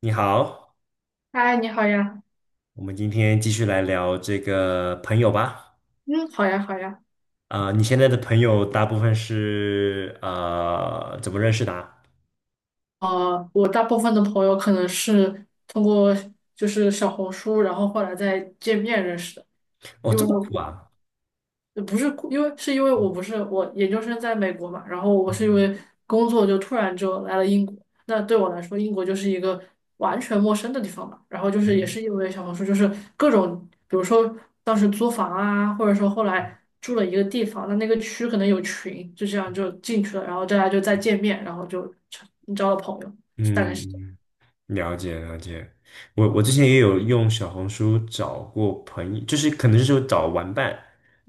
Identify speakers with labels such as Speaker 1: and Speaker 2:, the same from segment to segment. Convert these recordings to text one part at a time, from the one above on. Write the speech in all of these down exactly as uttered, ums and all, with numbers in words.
Speaker 1: 你好，
Speaker 2: 嗨，你好呀。
Speaker 1: 我们今天继续来聊这个朋友吧。
Speaker 2: 嗯，好呀，好呀。
Speaker 1: 啊、你现在的朋友大部分是呃怎么认识的啊？
Speaker 2: 呃，我大部分的朋友可能是通过就是小红书，然后后来再见面认识的，
Speaker 1: 哦，
Speaker 2: 因
Speaker 1: 这
Speaker 2: 为
Speaker 1: 么酷啊！
Speaker 2: 也不是因为是因为我不是我研究生在美国嘛，然后我是因为工作就突然就来了英国。那对我来说，英国就是一个完全陌生的地方嘛。然后就是也是因为小红书，就是各种，比如说当时租房啊，或者说后来住了一个地方，那那个区可能有群，就这样就进去了，然后大家就再见面，然后就成交了朋友，大概是这样。
Speaker 1: 嗯，了解了解。我我之
Speaker 2: 嗯
Speaker 1: 前也有用小红书找过朋友，就是可能就是找玩伴，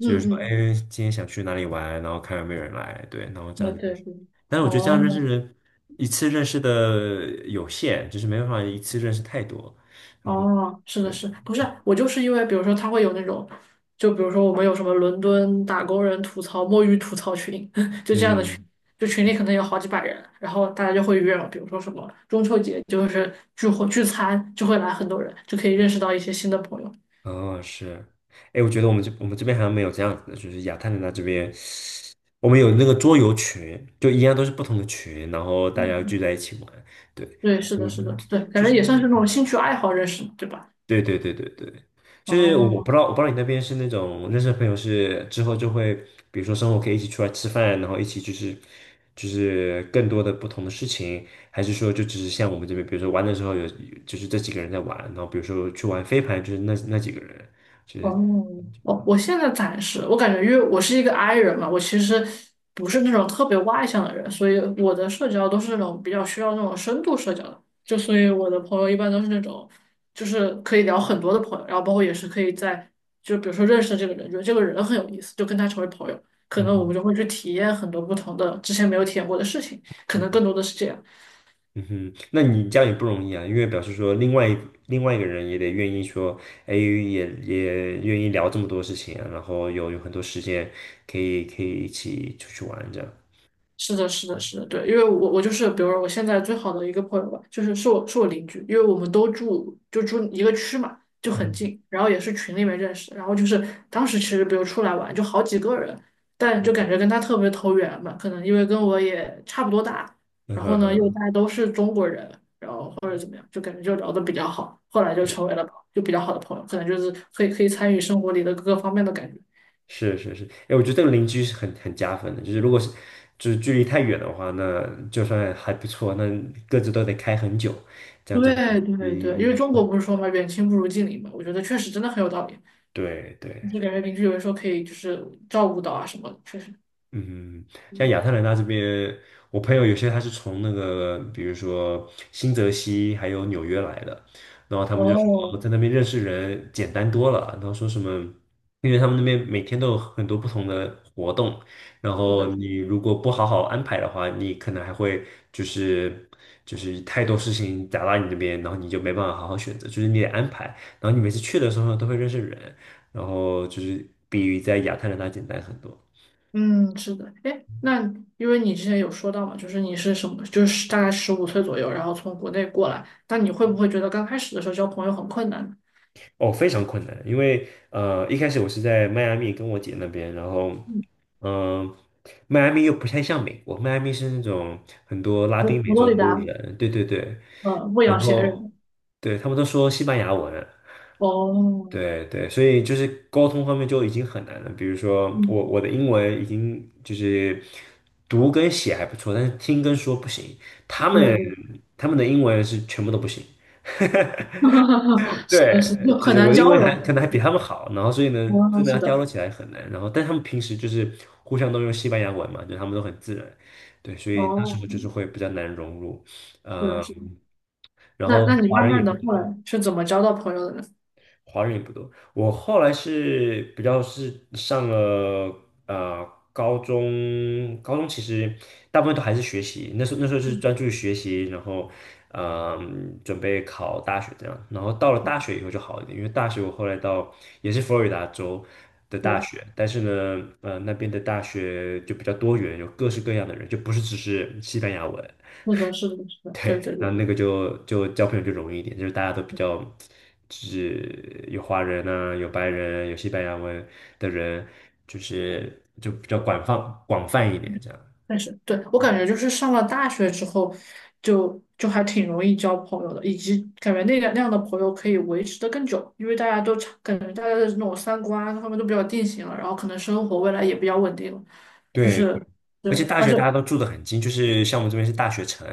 Speaker 1: 就是说，
Speaker 2: 嗯，
Speaker 1: 哎，今天想去哪里玩，然后看有没有人来，对，然后这样
Speaker 2: 对
Speaker 1: 子认
Speaker 2: 对
Speaker 1: 识。
Speaker 2: 对，
Speaker 1: 但是我觉得这样认识
Speaker 2: 哦。
Speaker 1: 人，一次认识的有限，就是没办法一次认识太多。然后，
Speaker 2: 哦，是的是，
Speaker 1: 对，
Speaker 2: 不是我就是因为，比如说他会有那种，就比如说我们有什么伦敦打工人吐槽、摸鱼吐槽群，就这样的群，
Speaker 1: 嗯。
Speaker 2: 就群里可能有好几百人，然后大家就会约，比如说什么中秋节就是聚会聚餐，就会来很多人，就可以认识到一些新的朋友。
Speaker 1: 哦，是，哎，我觉得我们这我们这边好像没有这样子的，就是亚特兰大这边，我们有那个桌游群，就一样都是不同的群，然后大家聚在一起玩，对，
Speaker 2: 对，是的，是
Speaker 1: 嗯，
Speaker 2: 的，对，感
Speaker 1: 就
Speaker 2: 觉
Speaker 1: 是，
Speaker 2: 也算是那种兴趣爱好认识，对吧？
Speaker 1: 对对对对对，就是我不
Speaker 2: 哦，
Speaker 1: 知道我不知道你那边是那种认识的朋友是之后就会，比如说生活可以一起出来吃饭，然后一起就是就是更多的不同的事情，还是说就只是像我们这边，比如说玩的时候有就是这几个人在玩，然后比如说去玩飞盘，就是那那几个人，就
Speaker 2: 哦，
Speaker 1: 是，
Speaker 2: 我我现在暂时，我感觉因为我是一个 I 人嘛，我其实不是那种特别外向的人，所以我的社交都是那种比较需要那种深度社交的，就所以我的朋友一般都是那种，就是可以聊很多的朋友，然后包括也是可以在，就比如说认识这个人，觉得这个人很有意思，就跟他成为朋友，可
Speaker 1: 嗯
Speaker 2: 能我
Speaker 1: 哼。
Speaker 2: 们就会去体验很多不同的之前没有体验过的事情，可能
Speaker 1: 嗯，
Speaker 2: 更多的是这样。
Speaker 1: 嗯哼，那你这样也不容易啊，因为表示说另外一另外一个人也得愿意说，哎，也也愿意聊这么多事情啊，然后有有很多时间可以可以一起出去玩这样。
Speaker 2: 是的，是的，是的，对，因为我我就是，比如说我现在最好的一个朋友吧，就是是我是我邻居，因为我们都住就住一个区嘛，就很近，然后也是群里面认识然后就是当时其实比如出来玩就好几个人，但就感觉跟他特别投缘嘛，可能因为跟我也差不多大，
Speaker 1: 嗯
Speaker 2: 然后呢又
Speaker 1: 哼，
Speaker 2: 大家都是中国人，然后或者怎么样，就感觉就聊得比较好，后来就
Speaker 1: 是
Speaker 2: 成为了就比较好的朋友，可能就是可以可以参与生活里的各个方面的感觉。
Speaker 1: 是是是，哎，我觉得这个邻居是很很加分的，就是如果是就是距离太远的话，那就算还不错，那各自都得开很久，这样子会，
Speaker 2: 对
Speaker 1: 也
Speaker 2: 对
Speaker 1: 也
Speaker 2: 对，因为
Speaker 1: 也
Speaker 2: 中国
Speaker 1: 会，
Speaker 2: 不是说嘛，远亲不如近邻嘛，我觉得确实真的很有道理。
Speaker 1: 对
Speaker 2: 就
Speaker 1: 对。
Speaker 2: 感觉邻居有的时候可以就是照顾到啊什么的确实。
Speaker 1: 嗯，像
Speaker 2: 嗯
Speaker 1: 亚特兰大这边，我朋友有些他是从那个，比如说新泽西还有纽约来的，然后他们就
Speaker 2: 哦，
Speaker 1: 说在那边认识人简单多了，然后说什么，因为他们那边每天都有很多不同的活动，然
Speaker 2: 是
Speaker 1: 后
Speaker 2: 的，是的，
Speaker 1: 你如果不好好安排的话，你可能还会就是就是太多事情砸到你这边，然后你就没办法好好选择，就是你得安排，然后你每次去的时候都会认识人，然后就是比在亚特兰大简单很多。
Speaker 2: 嗯，是的。哎，那因为你之前有说到嘛，就是你是什么，就是大概十五岁左右，然后从国内过来，那你会不会觉得刚开始的时候交朋友很困难呢？
Speaker 1: 哦，非常困难，因为呃，一开始我是在迈阿密跟我姐那边，然后，
Speaker 2: 嗯，
Speaker 1: 嗯、迈阿密又不太像美国，迈阿密是那种很多拉
Speaker 2: 佛
Speaker 1: 丁美
Speaker 2: 佛罗
Speaker 1: 洲
Speaker 2: 里达，
Speaker 1: 人，对对对，
Speaker 2: 呃，未
Speaker 1: 然
Speaker 2: 养闲
Speaker 1: 后
Speaker 2: 人。
Speaker 1: 对他们都说西班牙文，
Speaker 2: 哦，
Speaker 1: 对对，所以就是沟通方面就已经很难了。比如说
Speaker 2: 嗯，
Speaker 1: 我我的英文已经就是读跟写还不错，但是听跟说不行，他
Speaker 2: 对
Speaker 1: 们
Speaker 2: 对，
Speaker 1: 他们的英文是全部都不行。
Speaker 2: 是的，是
Speaker 1: 对，
Speaker 2: 的，
Speaker 1: 就
Speaker 2: 很
Speaker 1: 是我
Speaker 2: 难
Speaker 1: 的英
Speaker 2: 交
Speaker 1: 文还
Speaker 2: 流。
Speaker 1: 可能还比他们好，然后所以呢，真
Speaker 2: 哦，
Speaker 1: 的要
Speaker 2: 是
Speaker 1: 交流
Speaker 2: 的，
Speaker 1: 起来很难。然后，但他们平时就是互相都用西班牙文嘛，就他们都很自然，对，所以那时
Speaker 2: 哦，
Speaker 1: 候就是会比较难融入。
Speaker 2: 是的，
Speaker 1: 嗯，
Speaker 2: 是的。
Speaker 1: 然
Speaker 2: 那
Speaker 1: 后
Speaker 2: 那你
Speaker 1: 华
Speaker 2: 慢
Speaker 1: 人也
Speaker 2: 慢
Speaker 1: 不
Speaker 2: 的后
Speaker 1: 多，
Speaker 2: 来是怎么交到朋友的呢？
Speaker 1: 华人也不多。我后来是比较是上了呃高中，高中其实大部分都还是学习，那时候那时候是
Speaker 2: 嗯，
Speaker 1: 专注于学习，然后嗯准备考大学这样。然后到了大学以后就好一点，因为大学我后来到也是佛罗里达州的大
Speaker 2: 对，
Speaker 1: 学，但是呢，呃那边的大学就比较多元，有各式各样的人，就不是只是西班牙文。
Speaker 2: 是的，是的，是的，对
Speaker 1: 对，
Speaker 2: 对
Speaker 1: 然
Speaker 2: 对，
Speaker 1: 后那个就就交朋友就容易一点，就是大家都比较，就是有华人啊，有白人，有西班牙文的人，就是就比较广泛广泛一点这样。
Speaker 2: 但是对我
Speaker 1: 嗯，
Speaker 2: 感觉就是上了大学之后就，就还挺容易交朋友的，以及感觉那个那样的朋友可以维持的更久，因为大家都差感觉大家的那种三观各方面都比较定型了，然后可能生活未来也比较稳定了，就
Speaker 1: 对，
Speaker 2: 是对，
Speaker 1: 而且大
Speaker 2: 而
Speaker 1: 学
Speaker 2: 且
Speaker 1: 大家都住得很近，就是像我们这边是大学城，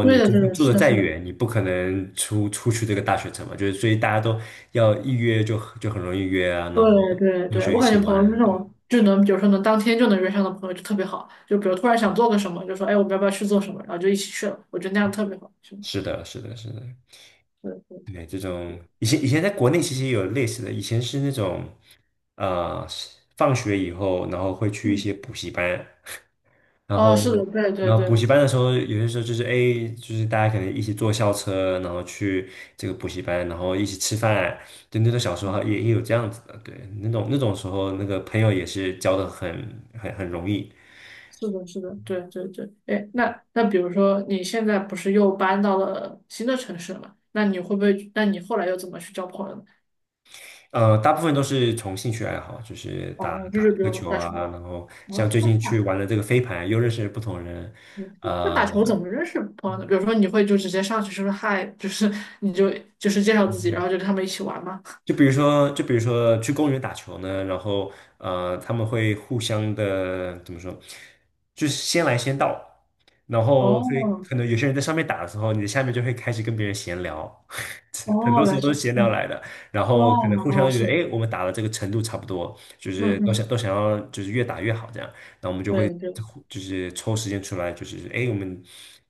Speaker 2: 对的，
Speaker 1: 就
Speaker 2: 对
Speaker 1: 算
Speaker 2: 的，
Speaker 1: 住得
Speaker 2: 是的，
Speaker 1: 再
Speaker 2: 是的，
Speaker 1: 远，你不可能出出去这个大学城嘛，就是所以大家都要一约就就很容易约啊，然后
Speaker 2: 对对
Speaker 1: 同
Speaker 2: 对，
Speaker 1: 学一
Speaker 2: 我感觉
Speaker 1: 起
Speaker 2: 朋友是
Speaker 1: 玩，
Speaker 2: 那
Speaker 1: 对，
Speaker 2: 种就能，比如说能当天就能约上的朋友就特别好，就比如突然想做个什么，就说哎，我们要不要去做什么，然后就一起去了，我觉得那样特别好。是的，
Speaker 1: 是的，是的，是的。
Speaker 2: 对对，
Speaker 1: 对，这种以前以前在国内其实也有类似的，以前是那种，呃，是放学以后，然后会去一
Speaker 2: 嗯，
Speaker 1: 些补习班，然
Speaker 2: 哦，是的，
Speaker 1: 后
Speaker 2: 对对
Speaker 1: 然后补
Speaker 2: 对，
Speaker 1: 习班的时候，有些时候就是，哎，就是大家可能一起坐校车，然后去这个补习班，然后一起吃饭，就那种小时
Speaker 2: 哦，
Speaker 1: 候也也有这样子的，对，那种那种时候那个朋友也是交的很很很容易，
Speaker 2: 是的，是的，对对对，哎，那那比如说你现在不是又搬到了新的城市了嘛？那你会不会？那你后来又怎么去交朋友呢？
Speaker 1: 呃，大部分都是从兴趣爱好，就是打
Speaker 2: 哦，就
Speaker 1: 打
Speaker 2: 是比
Speaker 1: 个
Speaker 2: 如
Speaker 1: 球
Speaker 2: 打
Speaker 1: 啊，
Speaker 2: 球。
Speaker 1: 然后像
Speaker 2: 哦
Speaker 1: 最近去玩了这个飞盘，又认识了不同人，
Speaker 2: 嗯那打
Speaker 1: 呃，
Speaker 2: 球怎么认识朋友呢？比如说，你会就直接上去说嗨，就是你就就是介绍自己，然后就跟他们一起玩吗？
Speaker 1: 就比如说，就比如说去公园打球呢，然后呃，他们会互相的怎么说，就是先来先到，然后所以
Speaker 2: 哦
Speaker 1: 可能有些人在上面打的时候，你在下面就会开始跟别人闲聊，很
Speaker 2: 哦，
Speaker 1: 多时
Speaker 2: 原来
Speaker 1: 候都
Speaker 2: 是，
Speaker 1: 是闲聊
Speaker 2: 嗯，
Speaker 1: 来的，然
Speaker 2: 哇，
Speaker 1: 后可能互
Speaker 2: 哦，
Speaker 1: 相觉
Speaker 2: 是
Speaker 1: 得，
Speaker 2: 的，
Speaker 1: 哎，我们打的这个程度差不多，就
Speaker 2: 嗯
Speaker 1: 是都想
Speaker 2: 哼，
Speaker 1: 都想要就是越打越好这样，那我们就会
Speaker 2: 对对，
Speaker 1: 就是抽时间出来，就是，哎，我们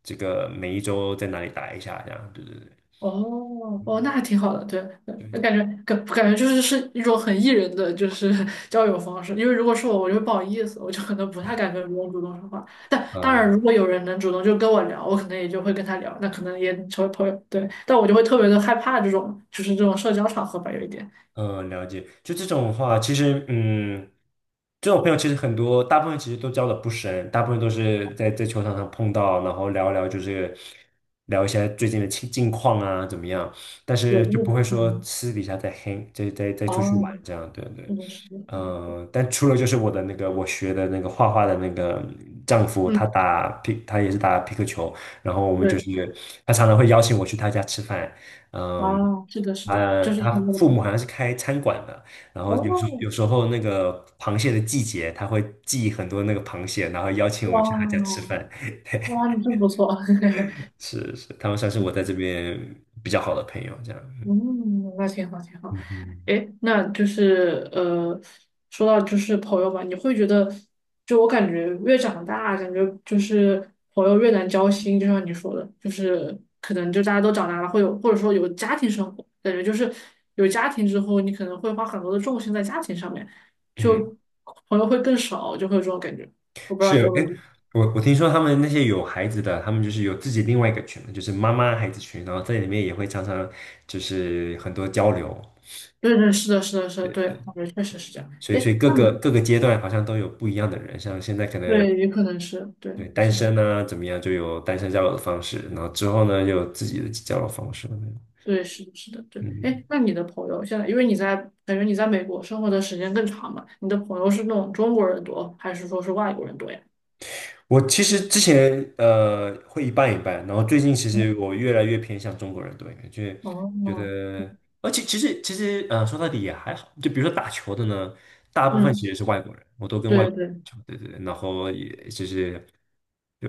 Speaker 1: 这个每一周在哪里打一下这样，对对对，
Speaker 2: 哦
Speaker 1: 嗯，
Speaker 2: 哦，那还挺好的，对
Speaker 1: 对，
Speaker 2: 对，感觉感感觉就是是一种很 E 人的就是 交友方式，因为如果是我，我就会不好意思，我就可能不太敢跟别人主动说话。但当
Speaker 1: 嗯。
Speaker 2: 然，如果有人能主动就跟我聊，我可能也就会跟他聊，那可能也成为朋友。对，但我就会特别的害怕这种就是这种社交场合吧，有一点。
Speaker 1: 嗯，了解。就这种的话，其实，嗯，这种朋友其实很多，大部分其实都交的不深，大部分都是在在球场上碰到，然后聊一聊，就是聊一下最近的近近况啊，怎么样？但
Speaker 2: 对，
Speaker 1: 是
Speaker 2: 就
Speaker 1: 就不
Speaker 2: 是
Speaker 1: 会说
Speaker 2: 嗯，
Speaker 1: 私底下再黑，a n g 再再再出去玩
Speaker 2: 哦，
Speaker 1: 这样，对对。
Speaker 2: 这种是的，是的对，
Speaker 1: 嗯、但除了就是我的那个我学的那个画画的那个丈夫，
Speaker 2: 嗯，
Speaker 1: 他打皮，他也是打皮克球，然后我们就
Speaker 2: 对，
Speaker 1: 是他常常会邀请我去他家吃饭，嗯。
Speaker 2: 啊，是的，是的，
Speaker 1: 呃，
Speaker 2: 就是
Speaker 1: 他
Speaker 2: 很有
Speaker 1: 父
Speaker 2: 可
Speaker 1: 母好
Speaker 2: 能。
Speaker 1: 像是开餐馆的，然后有时候
Speaker 2: 哦，
Speaker 1: 有时候那个螃蟹的季节，他会寄很多那个螃蟹，然后邀请我
Speaker 2: 哇
Speaker 1: 去他家吃
Speaker 2: 哦
Speaker 1: 饭。
Speaker 2: 哇，你真不错。
Speaker 1: 是是，他们算是我在这边比较好的朋友，这样。
Speaker 2: 嗯，那挺好，挺好。
Speaker 1: 嗯嗯
Speaker 2: 诶，那就是呃，说到就是朋友吧，你会觉得，就我感觉越长大，感觉就是朋友越难交心，就像你说的，就是可能就大家都长大了，会有或者说有家庭生活，感觉就是有家庭之后，你可能会花很多的重心在家庭上面，
Speaker 1: 嗯，
Speaker 2: 就朋友会更少，就会有这种感觉。我不知道你
Speaker 1: 是，
Speaker 2: 有没
Speaker 1: 哎，
Speaker 2: 有？
Speaker 1: 我我听说他们那些有孩子的，他们就是有自己另外一个群，就是妈妈孩子群，然后在里面也会常常就是很多交流，
Speaker 2: 对对，是的，是的，是的，对，我觉得确实是这样。
Speaker 1: 所以所以
Speaker 2: 诶，
Speaker 1: 各
Speaker 2: 那
Speaker 1: 个
Speaker 2: 你
Speaker 1: 各个阶段好像都有不一样的人，像现在可能，
Speaker 2: 对，也可能是对，
Speaker 1: 对，单
Speaker 2: 是的。
Speaker 1: 身呢、怎么样，就有单身交友的方式，然后之后呢，又有自己的交友方式了。
Speaker 2: 对，是的，是的，对。
Speaker 1: 嗯，
Speaker 2: 哎，那你的朋友现在，因为你在感觉你在美国生活的时间更长嘛，你的朋友是那种中国人多，还是说是外国人多呀？
Speaker 1: 我其实之前呃会一半一半，然后最近其实我越来越偏向中国人多一点，就是
Speaker 2: 哦，
Speaker 1: 觉得，而且其实其实呃说到底也还好，就比如说打球的呢，大部分
Speaker 2: 嗯，
Speaker 1: 其实是外国人，我都跟外
Speaker 2: 对
Speaker 1: 国人
Speaker 2: 对，
Speaker 1: 打球，对对对，然后也就是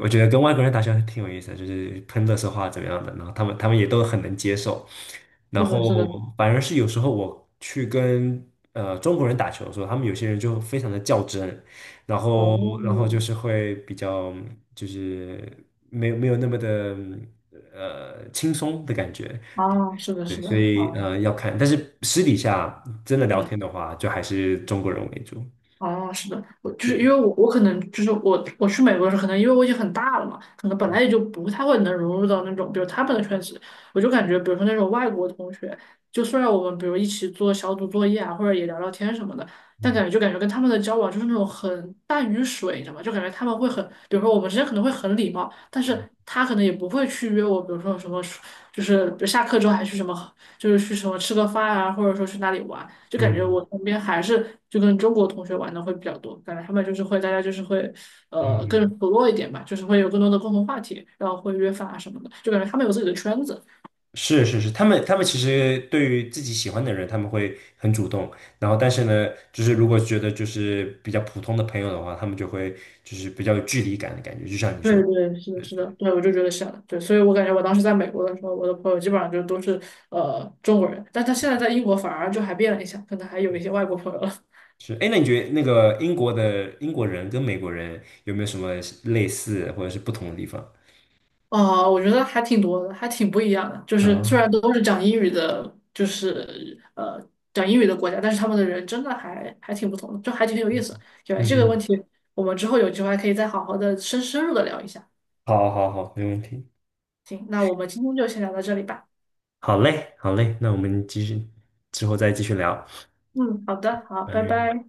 Speaker 1: 我觉得跟外国人打球还挺有意思的，就是喷的是话怎么样的，然后他们他们也都很能接受，然
Speaker 2: 是
Speaker 1: 后
Speaker 2: 的，是的，
Speaker 1: 反而是有时候我去跟呃中国人打球的时候，他们有些人就非常的较真，然后然后就
Speaker 2: 哦，
Speaker 1: 是会比较，就是没有没有那么的呃轻松的感觉，
Speaker 2: 啊，是的，
Speaker 1: 对，
Speaker 2: 是的，
Speaker 1: 所以
Speaker 2: 啊，
Speaker 1: 呃要看，但是私底下真的聊
Speaker 2: 嗯。
Speaker 1: 天的话，就还是中国人为主，
Speaker 2: 哦，是的，我就是因
Speaker 1: 对，
Speaker 2: 为我我可能就是我我去美国的时候，可能因为我已经很大了嘛，可能本来也就不太会能融入到那种比如他们的圈子，我就感觉比如说那种外国同学，就虽然我们比如一起做小组作业啊，或者也聊聊天什么的，但
Speaker 1: 嗯
Speaker 2: 感觉就感觉跟他们的交往就是那种很淡于水，你知道吗？就感觉他们会很，比如说我们之间可能会很礼貌，但是他可能也不会去约我，比如说什么就是比如下课之后还去什么。就是去什么吃个饭啊，或者说去哪里玩，就
Speaker 1: 嗯
Speaker 2: 感觉我
Speaker 1: 嗯。
Speaker 2: 身边还是就跟中国同学玩的会比较多，感觉他们就是会大家就是会呃更
Speaker 1: 嗯，
Speaker 2: 熟络一点吧，就是会有更多的共同话题，然后会约饭啊什么的，就感觉他们有自己的圈子。
Speaker 1: 是是是，他们他们其实对于自己喜欢的人，他们会很主动。然后，但是呢，就是如果觉得就是比较普通的朋友的话，他们就会就是比较有距离感的感觉，就像你
Speaker 2: 对
Speaker 1: 说的。
Speaker 2: 对，是的，是的，对，我就觉得是的，对，所以我感觉我当时在美国的时候，我的朋友基本上就都是呃中国人，但他现在在英国反而就还变了一下，可能还有一些外国朋友了。
Speaker 1: 是，哎，那你觉得那个英国的英国人跟美国人有没有什么类似或者是不同的地方？
Speaker 2: 啊，我觉得还挺多的，还挺不一样的。就是虽
Speaker 1: 啊，
Speaker 2: 然都是讲英语的，就是呃讲英语的国家，但是他们的人真的还还挺不同的，就还挺有意思。对，
Speaker 1: 嗯
Speaker 2: 这个问
Speaker 1: 哼，
Speaker 2: 题我们之后有机会还可以再好好的深深入的聊一下。
Speaker 1: 好，好，好，没问题，
Speaker 2: 行，那我们今天就先聊到这里吧。
Speaker 1: 好嘞，好嘞，那我们继续，之后再继续聊，
Speaker 2: 嗯，好的，好，拜
Speaker 1: 拜。
Speaker 2: 拜。